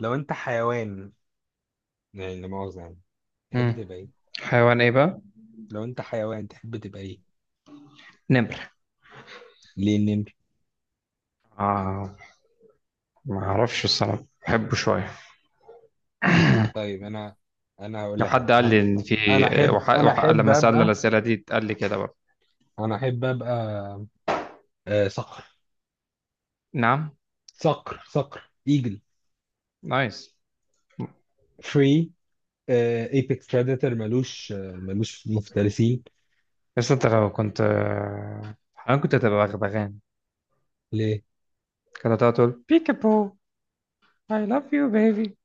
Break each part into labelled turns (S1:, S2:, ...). S1: لو انت حيوان يعني لا مؤاخذة يعني تحب
S2: مم.
S1: تبقى ايه؟
S2: حيوان ايه بقى؟
S1: لو انت حيوان تحب تبقى ايه؟
S2: نمر.
S1: ليه النمر؟
S2: آه ما اعرفش الصراحة، بحبه شوية.
S1: طيب انا هقول
S2: لو
S1: لك حاجة.
S2: حد قال
S1: انا
S2: لي ان في
S1: أنا احب انا احب
S2: لما سألنا
S1: ابقى.
S2: الأسئلة دي قال لي كده برضه.
S1: انا احب ابقى آه، صقر.
S2: نعم.
S1: صقر ايجل.
S2: نايس.
S1: فري. ايبكس بريدتور ملوش مفترسين.
S2: بس انت لو كنت حيوان كنت هتبقى بغبغان،
S1: ليه؟
S2: كنت هتقعد تقول بيكابو I love you baby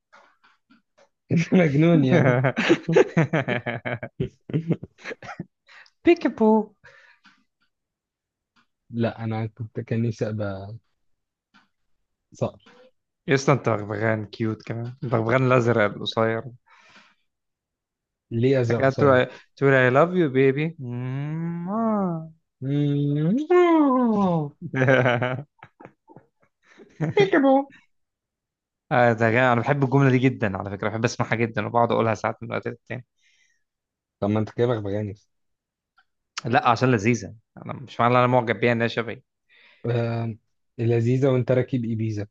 S1: مجنون يا انا
S2: بيكابو.
S1: لا انا كان نفسي ابقى صقر.
S2: يا اسطى انت بغبغان كيوت كمان، البغبغان الازرق القصير،
S1: ليه ازرق
S2: لكن
S1: قصير؟
S2: تقول، تقول I love you baby. آه. آه، انا بحب الجمله دي جدا على فكره، بحب اسمعها جدا وبقعد اقولها ساعات من وقت للتاني.
S1: طب ما انت كده بغبغانس.
S2: لا عشان لذيذه، انا مش معنى إن انا معجب بيها انها شبهي.
S1: آه، لذيذة وانت راكب ايبيزا.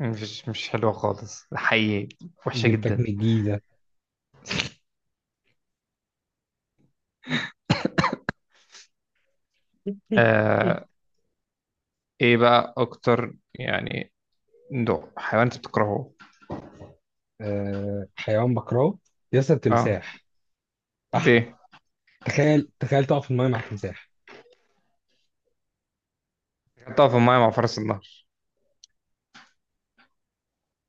S2: مش حلوه خالص حقيقي، وحشه
S1: جبتك من
S2: جدا.
S1: الجيزة.
S2: آه. ايه بقى اكتر يعني نوع حيوان انت بتكرهه؟
S1: آه، حيوان بكرهه. ياسر
S2: اه.
S1: تمساح. احمد.
S2: ليه؟
S1: تخيل تخيل تقف في المايه مع تمساح.
S2: تقف في المايه مع فرس النهر؟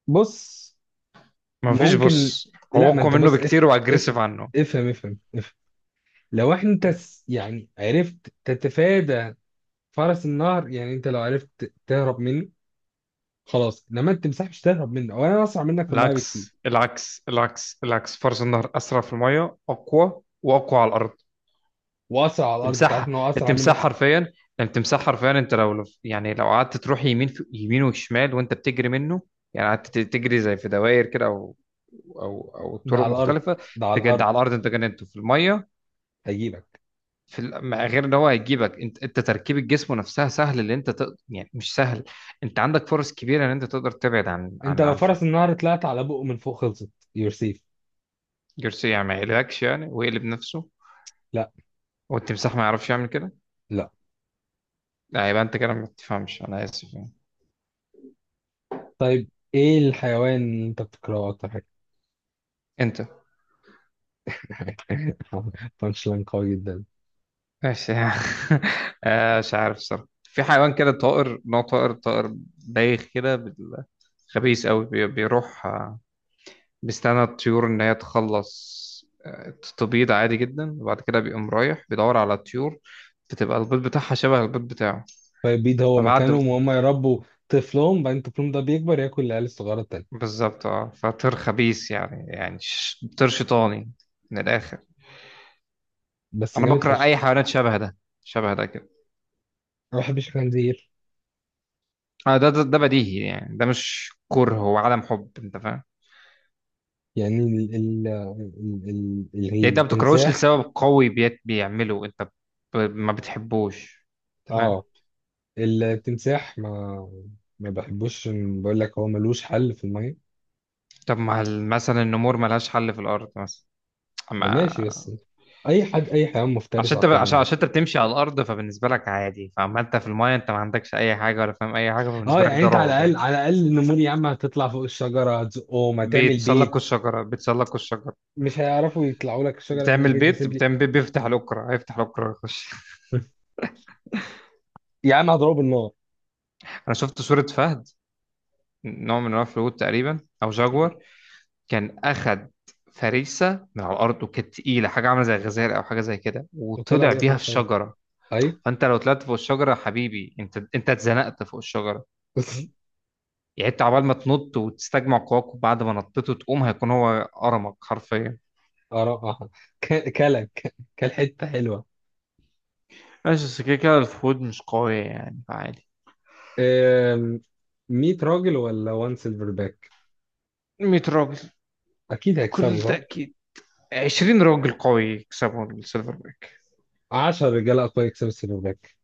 S1: بص.
S2: ما فيش
S1: ممكن.
S2: بص، هو
S1: لا، ما
S2: اقوى
S1: انت
S2: منه
S1: بص، افهم
S2: بكتير واجريسيف
S1: افهم
S2: عنه.
S1: افهم افهم افهم. لو انت يعني عرفت تتفادى فرس النهر، يعني انت لو عرفت تهرب منه خلاص، انما التمساح مش تهرب منه وانا اسرع منك في المايه بكتير.
S2: العكس العكس العكس العكس، فرس النهر اسرع في المايه، اقوى، واقوى على الارض.
S1: واسرع على الارض، انت عارف
S2: تمساح.
S1: ان هو اسرع
S2: التمساح
S1: منك.
S2: حرفيا، التمساح حرفيا انت يعني لو قعدت تروح يمين في يمين وشمال وانت بتجري منه، يعني قعدت تجري زي في دوائر كده، او او
S1: ده
S2: طرق
S1: على الارض،
S2: مختلفه.
S1: ده على
S2: تجد
S1: الارض.
S2: على الارض انت جننته في الميه.
S1: هيجيبك.
S2: مع غير ان هو هيجيبك، انت انت تركيبه جسمه نفسها سهل اللي انت يعني مش سهل، انت عندك فرص كبيره ان انت تقدر تبعد عن
S1: انت
S2: عن
S1: لو
S2: عنفك.
S1: فرس النهر طلعت على بقه من فوق خلصت. يور سيف.
S2: جارسيا ما يقلقكش يعني، ويقلب نفسه.
S1: لا،
S2: والتمساح ما يعرفش يعمل كده.
S1: لا.
S2: لا يبقى انت كده ما بتفهمش، انا اسف يعني.
S1: طيب، ايه الحيوان اللي انت بتكرهه اكتر حاجه؟
S2: انت.
S1: بانش لاين قوي جدا.
S2: ماشي. آه، مش عارف الصراحة، في حيوان كده طائر، نوع طائر، بايخ كده خبيث قوي، بيروح آه، بيستنى الطيور إن هي تخلص، آه، تبيض عادي جدا، وبعد كده بيقوم رايح بيدور على الطيور، بتبقى البيض بتاعها شبه البيض بتاعه.
S1: طيب بيض هو
S2: فبعد م-
S1: مكانهم وهم يربوا طفلهم، بعدين طفلهم ده بيكبر ياكل العيال الصغيره التانيه.
S2: بالظبط اه، فطير خبيث يعني، يعني طير شيطاني من الآخر.
S1: بس
S2: أنا
S1: جامد
S2: بكره
S1: فشخ.
S2: أي حيوانات شبه ده، شبه ده كده.
S1: انا ما بحبش الخنزير.
S2: آه، ده بديهي يعني، ده مش كره هو عدم حب، أنت فاهم؟
S1: يعني ال ال ال ال
S2: يعني
S1: ال-
S2: انت ما بتكرهوش
S1: التمساح.
S2: لسبب قوي بيعمله انت، ما بتحبوش، انت فاهم.
S1: اه، التمساح ما بحبوش، بقول لك هو ملوش حل في الميه.
S2: طب ما مثلا النمور ملهاش حل في الارض مثلا.
S1: ما
S2: ما.
S1: ماشي، بس اي حيوان مفترس
S2: عشان
S1: اقوى
S2: عشان
S1: منك.
S2: عشان انت بتمشي على الارض فبالنسبه لك عادي، فاما انت في المايه انت ما عندكش اي حاجه ولا فاهم اي حاجه،
S1: اه
S2: فبالنسبه لك
S1: يعني
S2: ده
S1: انت على
S2: رعب
S1: الاقل
S2: يعني.
S1: على الاقل نمور، يا عم هتطلع فوق الشجره، هتزقهم، هتعمل
S2: بيتسلقوا
S1: بيت.
S2: الشجره بيتسلقوا الشجره
S1: مش هيعرفوا يطلعوا لك الشجره
S2: بتعمل
S1: لانك انت
S2: بيت
S1: سيبلي.
S2: بتعمل بيت بيفتح الاكره هيفتح الاكره ويخش.
S1: يا عم هضربه بالنار.
S2: انا شفت صوره فهد، نوع من انواع الفهود تقريبا او جاguar، كان أخد فريسة من على الأرض وكانت تقيلة، حاجة عاملة زي غزال أو حاجة زي كده،
S1: وطلع
S2: وطلع
S1: بيها فوق
S2: بيها في
S1: الشجره.
S2: الشجرة.
S1: اي.
S2: فأنت لو طلعت فوق الشجرة يا حبيبي، أنت أنت اتزنقت فوق الشجرة، يعني أنت عبال ما تنط وتستجمع قواك وبعد ما نطيت وتقوم، هيكون هو قرمك حرفيا.
S1: اه، كلك كان حته حلوه.
S2: ماشي، بس كده كده الوحود مش قوية يعني، فعادي.
S1: أم، 100 راجل ولا 1 سيلفر باك؟
S2: 100 راجل.
S1: اكيد
S2: بكل
S1: هيكسبوا، صح؟
S2: تأكيد. 20 راجل قوي يكسبوا السيلفر باك.
S1: 10 رجاله اقوياء يكسبوا السيلفر باك.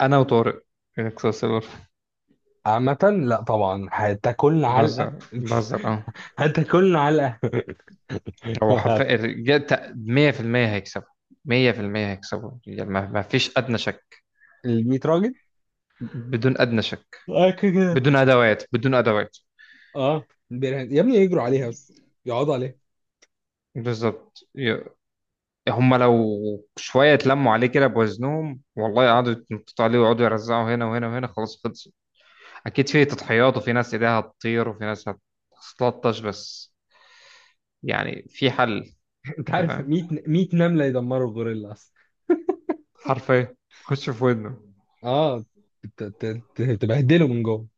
S2: أنا وطارق نكسب السيلفر باك.
S1: عامه، لا طبعا هتاكلنا علقه.
S2: بهزر بهزر أه.
S1: هتاكلنا علقه
S2: هو حرفيا الرجال 100% هيكسبوا، 100% هيكسبوا الرجال، ما فيش أدنى شك،
S1: ال 100 راجل،
S2: بدون أدنى شك.
S1: أكيد.
S2: بدون أدوات، بدون أدوات.
S1: اه، بيرهن يا ابني يجروا عليها بس، يقعدوا عليها.
S2: بالظبط. هم لو شوية اتلموا عليه كده بوزنهم والله، قعدوا يتنططوا عليه ويقعدوا يرزعوا هنا وهنا وهنا، خلاص خلص. أكيد في تضحيات، وفي ناس إيديها هتطير، وفي ناس هتتلطش، بس يعني في حل. أنت
S1: انت عارف
S2: فاهم؟
S1: 100 100 نمله يدمروا الغوريلا اصلا.
S2: حرفيا خش في ودنه.
S1: اه، تبهدله من جوه.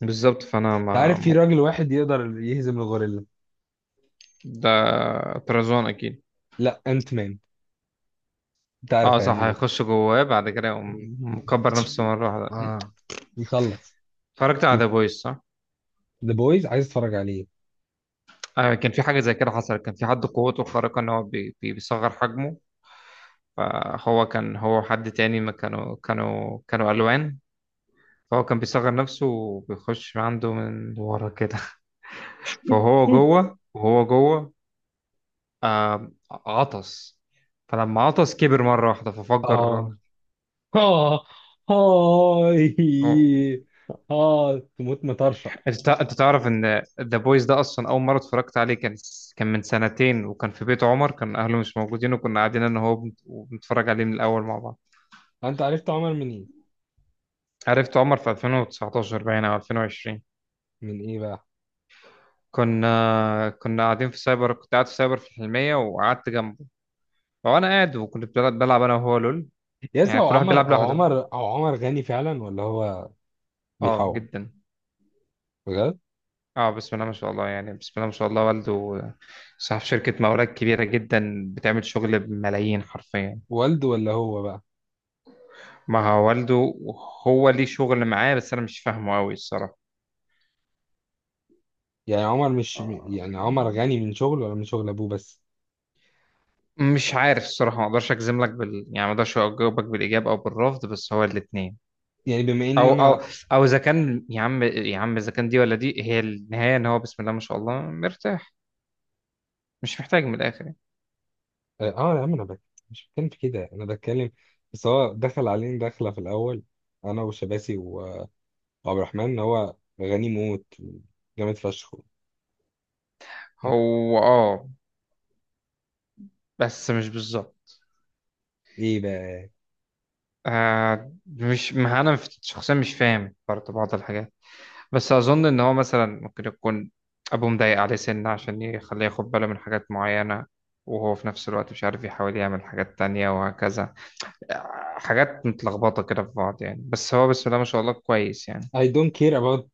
S2: بالظبط. فأنا
S1: انت
S2: ما
S1: عارف في
S2: م-
S1: راجل واحد يقدر يهزم الغوريلا؟
S2: ده طرزان أكيد.
S1: لا، انت مان. انت
S2: اه
S1: عارف
S2: صح،
S1: هيعمل ايه؟
S2: هيخش جواه بعد كده
S1: مم.
S2: يقوم مكبر نفسه مرة واحدة.
S1: اه، يخلص.
S2: اتفرجت على ذا بويز صح؟
S1: ذا بويز عايز اتفرج عليه.
S2: آه كان في حاجة زي كده حصلت، كان في حد قوته الخارقة ان هو بي بيصغر حجمه، فهو كان، هو حد تاني، ما كانوا كانوا ألوان، فهو كان بيصغر نفسه وبيخش عنده من ورا كده. فهو
S1: مم.
S2: جوه وهو جوه. آه عطس، فلما عطس كبر مرة واحدة ففجر الراجل.
S1: اه، اه، هاي، اه تموت مطرشه.
S2: انت تعرف ان ذا بويز ده اصلا اول مره اتفرجت عليه كان، كان من سنتين، وكان في بيت عمر، كان اهله مش موجودين وكنا قاعدين انا وهو وبنتفرج عليه من الاول مع بعض.
S1: انت عرفت عمر من ايه؟
S2: عرفت عمر في 2019 باين او 2020.
S1: من ايه بقى؟
S2: كنا قاعدين في سايبر، كنت قاعد في سايبر في الحلميه وقعدت جنبه، وانا قاعد وكنت بلعب انا وهو لول،
S1: يا
S2: يعني
S1: هو
S2: كل واحد
S1: عمر
S2: بيلعب
S1: هو
S2: لوحده.
S1: عمر هو عمر غني فعلا ولا هو
S2: اه
S1: بيحور؟
S2: جدا.
S1: بجد؟
S2: اه بسم الله ما شاء الله يعني، بسم الله ما شاء الله. والده صاحب شركه مقاولات كبيره جدا، بتعمل شغل بملايين حرفيا.
S1: والده ولا هو بقى؟
S2: ما هو والده، هو ليه شغل معاه بس انا مش فاهمه قوي الصراحه.
S1: يعني عمر مش، يعني عمر غني من شغل ولا من شغل ابوه بس؟
S2: مش عارف الصراحه، ما اقدرش اجزم لك يعني ما اقدرش اجاوبك بالاجاب او بالرفض، بس هو الاثنين،
S1: يعني بما ان
S2: او او
S1: انا،
S2: او اذا كان، يا عم يا عم اذا كان دي ولا دي هي النهايه ان هو بسم الله ما شاء الله مرتاح، مش محتاج من الاخر يعني.
S1: اه، يا عم انا بك... مش بتكلم في كده، انا بتكلم بس هو دخل علينا دخله في الاول، انا وشباسي وعبد الرحمن ان هو غني موت، جامد فشخ.
S2: هو اه، بس مش بالظبط.
S1: ايه بقى؟
S2: آه مش، ما انا شخصيا مش فاهم برضه بعض الحاجات، بس أظن إن هو مثلا ممكن يكون أبوه مضايق عليه سنة عشان يخليه ياخد باله من حاجات معينة، وهو في نفس الوقت مش عارف، يحاول يعمل حاجات تانية وهكذا، حاجات متلخبطة كده في بعض يعني، بس هو بسم الله ما شاء الله كويس يعني.
S1: I don't care about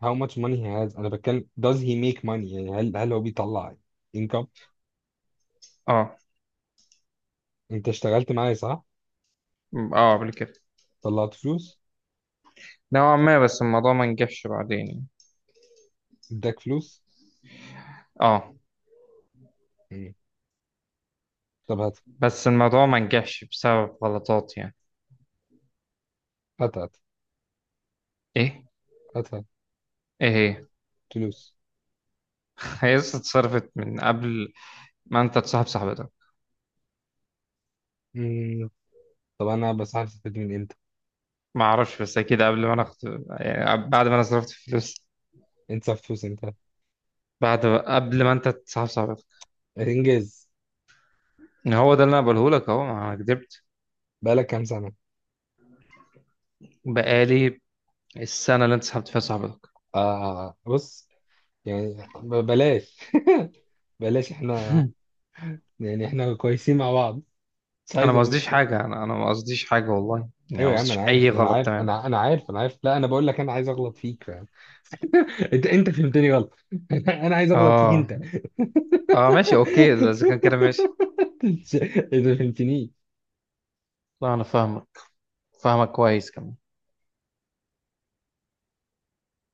S1: how much money he has، انا بتكلم does he make money، يعني هل هو بيطلع income؟
S2: اه.
S1: انت اشتغلت معايا، صح؟
S2: اه قبل كده.
S1: طلعت فلوس؟
S2: نوعا ما، بس الموضوع ما نجحش بعدين يعني.
S1: اداك فلوس؟
S2: اه.
S1: مم. طب هات.
S2: بس الموضوع ما نجحش بسبب غلطات يعني.
S1: هات هات.
S2: ايه؟
S1: هاتها
S2: ايه هي؟
S1: فلوس.
S2: هي لسه اتصرفت من قبل ما انت تصاحب صاحبتك.
S1: مم. طب انا بس عارف استفيد من امتى؟
S2: ما اعرفش، بس اكيد قبل ما انا يعني بعد ما انا صرفت فلوس.
S1: انت صرف فلوس امتى؟
S2: بعد، قبل ما انت تسحب صاحبتك.
S1: انجاز.
S2: هو ده اللي انا بقوله لك اهو، ما انا كدبت.
S1: بقالك كام سنه؟
S2: بقالي السنه اللي انت سحبت فيها صاحبتك.
S1: آه بص، يعني بلاش. بلاش، احنا يعني احنا كويسين مع بعض، مش
S2: انا
S1: عايز
S2: ما
S1: ابقى مش
S2: قصديش
S1: كويس.
S2: حاجه انا انا ما قصديش حاجه والله يعني،
S1: ايوه
S2: ما
S1: يا عم
S2: قصديش
S1: انا
S2: اي
S1: عارف انا
S2: غلط
S1: عارف
S2: تمام.
S1: انا عارف انا عارف، لا انا بقول لك انا عايز اغلط فيك، فاهم؟ انت فهمتني غلط. انا عايز اغلط فيك
S2: اه.
S1: انت
S2: اه ماشي اوكي، اذا كان كده ماشي.
S1: انت ما فهمتنيش.
S2: لا انا فاهمك، فاهمك كويس كمان.